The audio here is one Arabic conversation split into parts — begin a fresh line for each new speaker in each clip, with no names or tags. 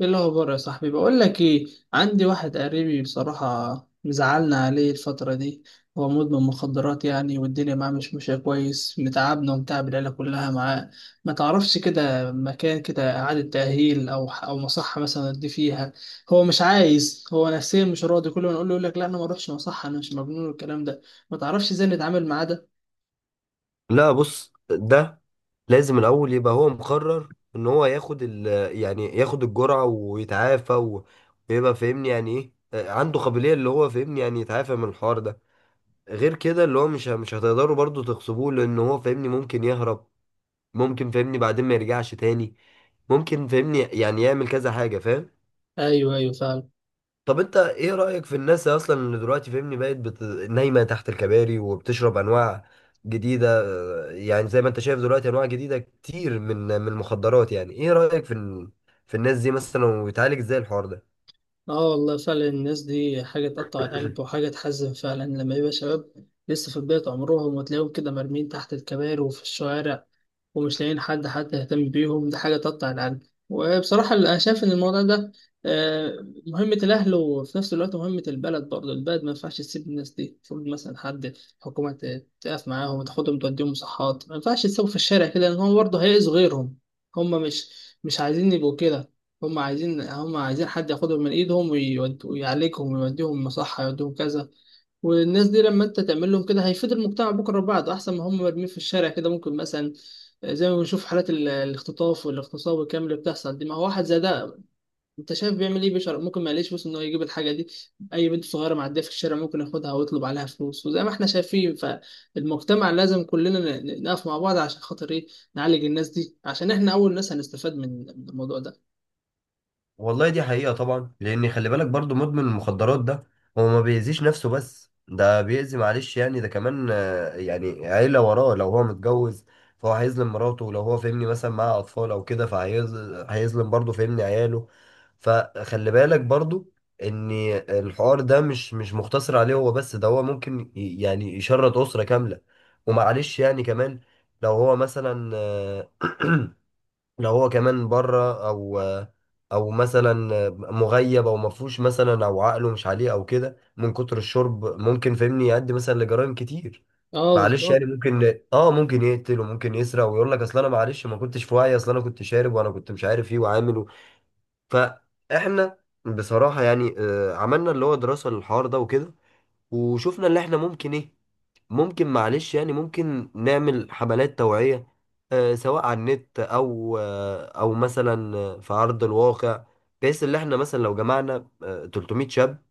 ايه الاخبار يا صاحبي؟ بقول لك ايه، عندي واحد قريبي بصراحه مزعلنا عليه الفتره دي. هو مدمن مخدرات يعني، والدنيا معاه مش ماشيه كويس، متعبنا ومتعب العيله كلها معاه. ما تعرفش كده مكان كده اعاده تاهيل او مصحه مثلا ادي فيها؟ هو مش عايز، هو نفسيا مش راضي، كل ما نقول له يقول لك لا انا ما اروحش مصحه انا مش مجنون والكلام ده. ما تعرفش ازاي نتعامل معاه ده؟
لا، بص ده لازم الاول يبقى هو مقرر ان هو ياخد يعني ياخد الجرعه ويتعافى ويبقى فاهمني يعني ايه. عنده قابليه اللي هو فاهمني يعني يتعافى من الحوار ده. غير كده اللي هو مش هتقدروا برضو تغصبوه، لان هو فاهمني ممكن يهرب، ممكن فاهمني بعدين ما يرجعش تاني، ممكن فاهمني يعني يعمل كذا حاجه، فاهم؟
ايوه، ايوه، فاهم.
طب انت ايه رأيك في الناس اصلا اللي دلوقتي فاهمني بقت نايمة تحت الكباري وبتشرب انواع جديدة؟ يعني زي ما انت شايف دلوقتي انواع جديدة كتير من المخدرات، يعني ايه رأيك في الناس دي مثلا، ويتعالج ازاي الحوار ده؟
اه والله فعلا الناس دي حاجة تقطع القلب وحاجة تحزن فعلا، لما يبقى شباب لسه في بداية عمرهم وتلاقيهم كده مرمين تحت الكباري وفي الشوارع ومش لاقيين حد حتى يهتم بيهم، دي حاجة تقطع القلب. وبصراحة أنا شايف إن الموضوع ده مهمة الأهل وفي نفس الوقت مهمة البلد برضه، البلد ما ينفعش تسيب الناس دي، المفروض مثلا حد حكومة تقف معاهم وتاخدهم توديهم مصحات، ما ينفعش تسيبهم في الشارع كده لأن هم برضه هيأذوا غيرهم. هم مش عايزين يبقوا كده، هم عايزين، هم عايزين حد ياخدهم من ايدهم ويعالجهم ويوديهم مصحة، يوديهم كذا. والناس دي لما انت تعمل لهم كده هيفيد المجتمع بكره وبعده احسن ما هم مرميين في الشارع كده، ممكن مثلا زي ما بنشوف حالات الاختطاف والاغتصاب والكلام اللي بتحصل دي، ما هو واحد زي ده انت شايف بيعمل ايه؟ بيشر، ممكن ما يلاقيش فلوس ان هو يجيب الحاجه دي، اي بنت صغيره معديه في الشارع ممكن ياخدها ويطلب عليها فلوس. وزي ما احنا شايفين فالمجتمع لازم كلنا نقف مع بعض عشان خاطر ايه؟ نعالج الناس دي عشان احنا اول ناس هنستفاد من الموضوع ده.
والله دي حقيقة طبعا. لأن خلي بالك برضو، مدمن المخدرات ده هو ما بيأذيش نفسه، بس ده بيأذي، معلش يعني، ده كمان، يعني عيلة وراه لو هو متجوز، فهو هيظلم مراته، لو هو فاهمني مثلا معاه أطفال أو كده فهيظلم، برضو فاهمني عياله. فخلي بالك برضو إن الحوار ده مش مقتصر عليه هو بس، ده هو ممكن يعني يشرد أسرة كاملة. ومعلش يعني كمان، لو هو مثلا لو هو كمان بره او مثلا مغيب، او مفهوش مثلا، او عقله مش عليه او كده من كتر الشرب، ممكن فاهمني يؤدي مثلا لجرائم كتير.
اه
معلش
بالظبط.
يعني، ممكن يقتل وممكن يسرق، ويقول لك اصل انا معلش ما كنتش في وعي، اصل انا كنت شارب وانا كنت مش عارف ايه وعامل فاحنا بصراحة يعني، عملنا اللي هو دراسة للحوار ده وكده. وشفنا اللي احنا ممكن ايه، ممكن، معلش يعني، ممكن نعمل حملات توعية، سواء على النت أو، أو مثلا في أرض الواقع. بحيث إن إحنا مثلا لو جمعنا 300 شاب،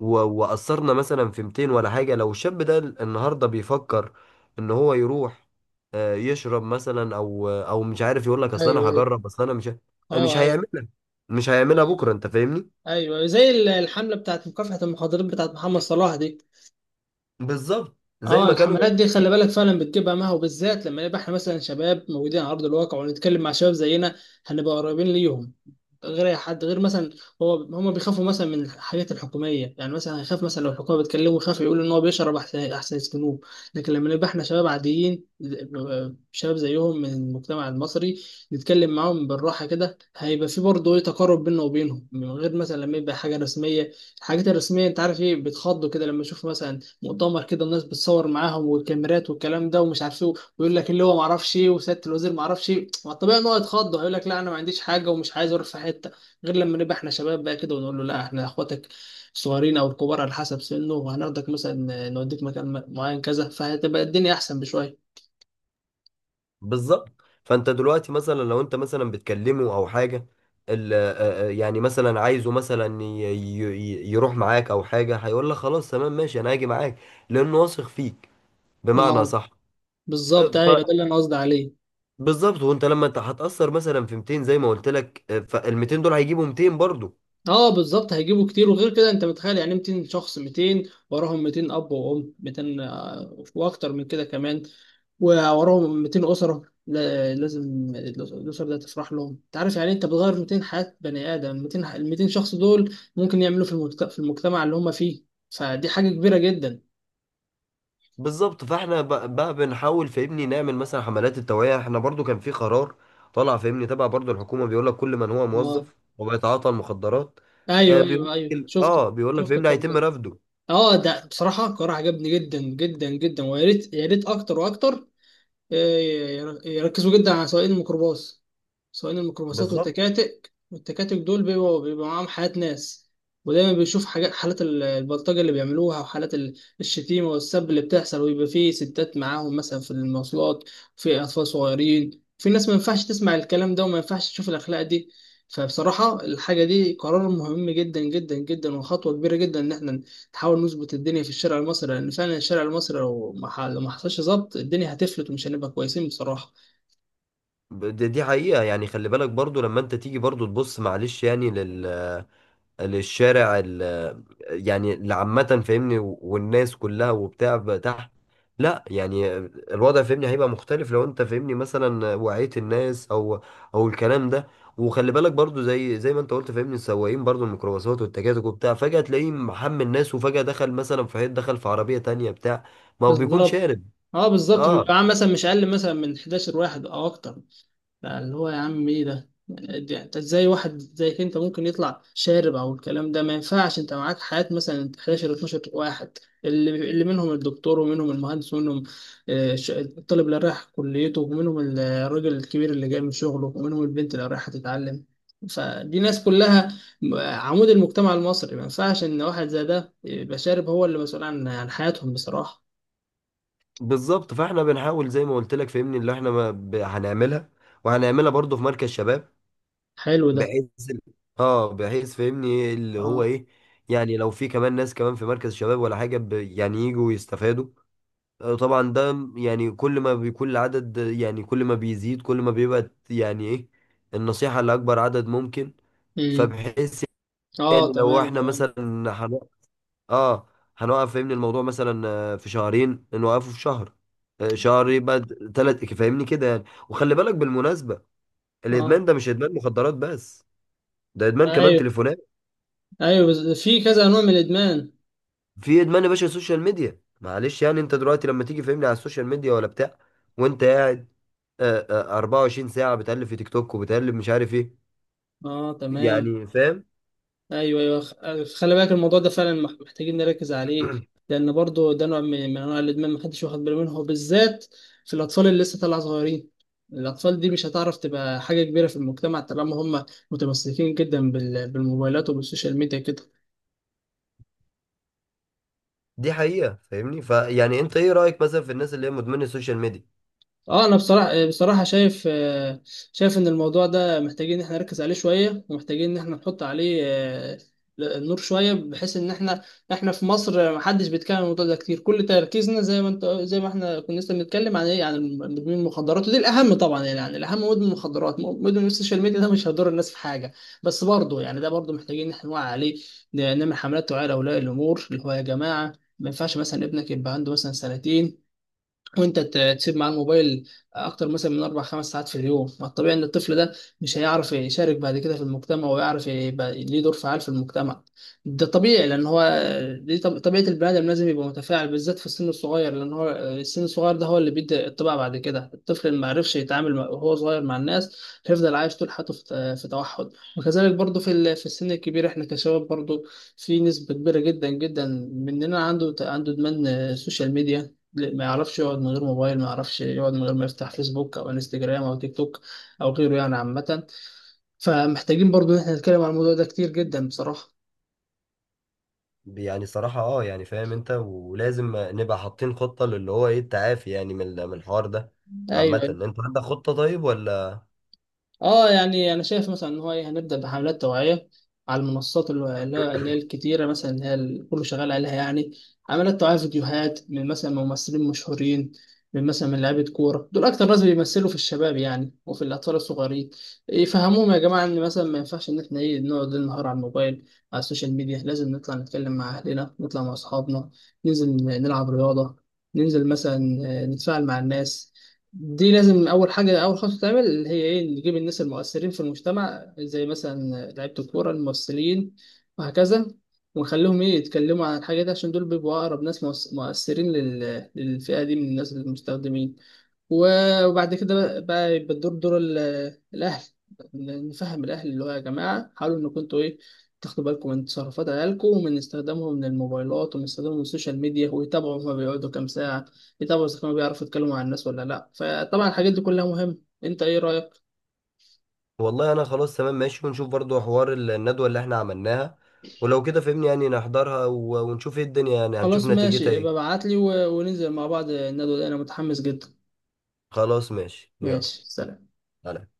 وأثرنا مثلا في 200 ولا حاجة، لو الشاب ده النهاردة بيفكر إن هو يروح يشرب مثلا، أو مش عارف، يقول لك أصل أنا
ايوه، ايوه.
هجرب، أصل أنا مش
اه، ايوه،
هيعملها، مش هيعملها بكرة،
ايوه،
أنت فاهمني؟
ايوه، أيوه. زي الحمله بتاعت مكافحه المخدرات بتاعت محمد صلاح دي.
بالظبط زي
اه
ما كانوا.
الحملات دي خلي بالك فعلا بتجيب همها، وبالذات لما نبقى احنا مثلا شباب موجودين على ارض الواقع ونتكلم مع شباب زينا، هنبقى قريبين ليهم غير اي حد، غير مثلا هو، هم بيخافوا مثلا من الحاجات الحكوميه، يعني مثلا هيخاف مثلا لو الحكومه بتكلمه يخاف يقول ان هو بيشرب، احسن يسجنوه. لكن لما نبقى احنا شباب عاديين، شباب زيهم من المجتمع المصري، نتكلم معاهم بالراحه كده هيبقى في برضه ايه، تقارب بيننا وبينهم، من غير مثلا لما يبقى حاجه رسميه. الحاجات الرسميه انت عارف ايه بيتخضوا كده، لما يشوفوا مثلا مؤتمر كده الناس بتصور معاهم والكاميرات والكلام ده، ومش عارف ايه ويقول لك اللي هو ما اعرفش ايه وسياده الوزير ما اعرفش ايه، ما الطبيعي ان هو يتخض ويقول لك لا انا ما عنديش حاجه ومش عايز اروح في حته. غير لما نبقى احنا شباب بقى كده ونقول له لا احنا اخواتك الصغيرين او الكبار على حسب سنه، وهناخدك مثلا نوديك مكان معين كذا، فهتبقى الدنيا احسن بشويه.
بالظبط، فانت دلوقتي مثلا لو انت مثلا بتكلمه او حاجه، يعني مثلا عايزه مثلا يروح معاك او حاجه، هيقول لك خلاص تمام ماشي انا هاجي معاك، لانه واثق فيك، بمعنى
اه
صح؟
بالظبط، ايوه، ده اللي انا قصدي عليه.
فبالظبط، وانت لما انت هتاثر مثلا في 200 زي ما قلت لك، فال 200 دول هيجيبوا 200 برضو.
اه بالظبط هيجيبوا كتير، وغير كده انت متخيل يعني 200 شخص، 200 وراهم 200 اب وام 200 واكتر من كده كمان، ووراهم 200 أسرة، لازم الأسر ده تفرح لهم، أنت عارف يعني إيه؟ أنت بتغير 200 حياة بني آدم، 200 ال 200 شخص دول ممكن يعملوا في في المجتمع اللي هم فيه، فدي حاجة كبيرة جدا.
بالظبط، فاحنا بقى بنحاول فاهمني نعمل مثلا حملات التوعية. احنا برضو كان في قرار طلع فاهمني تبع برضو الحكومة، بيقول لك كل من هو
أه،
موظف وبيتعاطى المخدرات، آه
أيوه،
بيقول
أيوه، أيوه، شفت،
اه بيقول لك
شفت
فاهمني
القرار
هيتم
ده.
رفضه.
أه ده بصراحة القرار عجبني جدا جدا جدا، ويا ريت، يا ريت أكتر وأكتر. إيه، يركزوا جدا على سواقين الميكروباص، سواقين الميكروباصات
بالظبط.
والتكاتك، والتكاتك دول بيبقوا، بيبقى معاهم حالات ناس ودايما بيشوف حاجات، حالات البلطجة اللي بيعملوها وحالات الشتيمة والسب اللي بتحصل، ويبقى فيه ستات معاهم مثلا في المواصلات، في أطفال صغيرين، في ناس، ما ينفعش تسمع الكلام ده وما ينفعش تشوف الأخلاق دي. فبصراحة الحاجة دي قرار مهم جدا جدا جدا وخطوة كبيرة جدا، إن احنا نحاول نظبط الدنيا في الشارع المصري، لان فعلا الشارع المصري لو ما ح- لو ما حصلش ظبط، الدنيا هتفلت ومش هنبقى كويسين بصراحه.
دي حقيقة يعني. خلي بالك برضو لما انت تيجي برضو تبص، معلش يعني، للشارع يعني اللي عامة فاهمني والناس كلها وبتاع بقى تحت، لا يعني، الوضع فاهمني هيبقى مختلف لو انت فاهمني مثلا وعيت الناس او الكلام ده. وخلي بالك برضو، زي ما انت قلت فاهمني، السواقين برضو الميكروباصات والتكاتك وبتاع، فجأة تلاقيه محمل الناس وفجأة دخل مثلا في حيط، دخل في عربية تانية بتاع، ما هو بيكون
بالظبط.
شارب.
اه بالظبط،
اه
بيبقى معاه مثلا مش اقل مثلا من 11 واحد او اكتر، بقى اللي هو يا عم ايه ده انت ازاي؟ واحد زيك انت ممكن يطلع شارب؟ او الكلام ده ما ينفعش، انت معاك حياة مثلا 11 12 واحد، اللي منهم الدكتور، ومنهم المهندس، ومنهم الطالب اللي رايح كليته، ومنهم الراجل الكبير اللي جاي من شغله، ومنهم البنت اللي رايحة تتعلم، فدي ناس كلها عمود المجتمع المصري، ما ينفعش ان واحد زي ده يبقى شارب هو اللي مسؤول عن حياتهم بصراحة.
بالظبط، فاحنا بنحاول زي ما قلت لك فاهمني اللي احنا ما ب- هنعملها، وهنعملها برضو في مركز شباب،
حلو ده.
بحيث، اه بحيث فاهمني إيه اللي هو
اه،
ايه، يعني لو في كمان ناس كمان في مركز شباب ولا حاجة، يعني يجوا يستفادوا. طبعا ده يعني كل ما بيكون العدد، يعني كل ما بيزيد كل ما بيبقى يعني ايه، النصيحة لأكبر عدد ممكن.
امم،
فبحيث يعني
اه،
لو
تمام،
احنا
تمام.
مثلا هن... اه هنوقف فاهمني الموضوع، مثلا في شهرين نوقفه في شهر، شهر يبقى ثلاث فاهمني كده يعني. وخلي بالك بالمناسبة،
اه،
الإدمان ده مش إدمان مخدرات بس، ده إدمان كمان
ايوه،
تليفونات،
ايوه، بس في كذا نوع من الادمان.
في ادمان يا باشا السوشيال ميديا، معلش يعني، انت دلوقتي لما تيجي فهمني على السوشيال ميديا ولا بتاع، وانت قاعد، آه، 24 ساعة بتقلب في تيك توك وبتقلب مش عارف ايه،
اه تمام،
يعني، فاهم؟
ايوه، ايوه، خلي بالك الموضوع ده فعلا محتاجين نركز عليه، لان برضو ده نوع من انواع الادمان محدش واخد باله منه، وبالذات في الاطفال اللي لسه طالعه صغيرين، الاطفال دي مش هتعرف تبقى حاجه كبيره في المجتمع طالما هم متمسكين جدا بالموبايلات وبالسوشيال ميديا كده.
دي حقيقة فاهمني. فيعني انت ايه رأيك مثلا في الناس اللي هي مدمنة السوشيال ميديا؟
اه انا بصراحه شايف، شايف ان الموضوع ده محتاجين ان احنا نركز عليه شويه، ومحتاجين ان احنا نحط عليه النور شويه، بحيث ان احنا، احنا في مصر محدش بيتكلم عن الموضوع ده كتير، كل تركيزنا زي ما انت، زي ما احنا كنا لسه بنتكلم عن ايه؟ عن مدمن المخدرات، ودي الاهم طبعا يعني، يعني الاهم مدمن المخدرات، مدمن السوشيال ميديا ده مش هيضر الناس في حاجه، بس برضه يعني ده برضه محتاجين ان احنا نوعي عليه، نعمل حملات توعيه لاولياء الامور، اللي هو يا جماعه ما ينفعش مثلا ابنك يبقى عنده مثلا سنتين وانت تسيب معاه الموبايل اكتر مثلا من 4 5 ساعات في اليوم. ما الطبيعي ان الطفل ده مش هيعرف يشارك بعد كده في المجتمع ويعرف يبقى ليه دور فعال في المجتمع، ده طبيعي لان هو دي طبيعه البني ادم، لازم يبقى متفاعل بالذات في السن الصغير، لان هو السن الصغير ده هو اللي بيدي الطبع بعد كده، الطفل اللي ما عرفش يتعامل وهو صغير مع الناس هيفضل عايش طول حياته في توحد. وكذلك برضو في في السن الكبير، احنا كشباب برضو في نسبه كبيره جدا جدا مننا عنده ادمان سوشيال ميديا، ما يعرفش يقعد من غير موبايل، ما يعرفش يقعد من غير ما يفتح فيسبوك او انستجرام او تيك توك او غيره يعني عامة، فمحتاجين برضو ان احنا نتكلم عن الموضوع ده كتير جدا بصراحة.
يعني صراحة، يعني فاهم انت، ولازم نبقى حاطين خطة للي هو ايه التعافي، يعني من الحوار ده. عامة
ايوه.
انت عندك خطة طيب ولا؟
اه يعني انا شايف مثلا ان هو ايه؟ هنبدا بحملات توعيه على المنصات اللي هي الكتيره، مثلا اللي هي كله شغال عليها يعني، حملات توعيه، فيديوهات من مثلا ممثلين مشهورين، من مثلا من لعيبه كوره، دول اكتر ناس بيمثلوا في الشباب يعني وفي الاطفال الصغيرين، يفهموهم يا جماعه ان مثلا ما ينفعش ان احنا ايه؟ نقعد ليل نهار على الموبايل على السوشيال ميديا، لازم نطلع نتكلم مع اهلنا، نطلع مع اصحابنا، ننزل نلعب رياضه، ننزل مثلا نتفاعل مع الناس. دي لازم اول حاجه، اول خطوه تعمل اللي هي ايه؟ نجيب الناس المؤثرين في المجتمع زي مثلا لعيبه الكوره، الممثلين، وهكذا، ونخليهم ايه يتكلموا عن الحاجه دي، عشان دول بيبقوا اقرب ناس مؤثرين للفئه دي من الناس المستخدمين. وبعد كده بقى يبقى الدور دور الاهل، نفهم الاهل اللي هو يا جماعه حاولوا انكم انتوا ايه؟ تاخدوا بالكم من تصرفات عيالكم ومن استخدامهم للموبايلات ومن استخدامهم للسوشيال ميديا، ويتابعوا هما بيقعدوا كام ساعه في، طبعا إذا كانوا بيعرفوا يتكلموا مع الناس ولا لأ، فطبعا الحاجات دي كلها مهمة. أنت إيه رأيك؟
والله انا خلاص تمام ماشي، ونشوف برضو حوار الندوة اللي احنا عملناها، ولو كده فهمني يعني نحضرها ونشوف ايه الدنيا، يعني هنشوف
خلاص
نتيجتها
ماشي، ابقى
ايه.
ابعتلي وننزل مع بعض الندوة دي، أنا متحمس جدا.
خلاص ماشي، يلا،
ماشي، سلام.
سلام.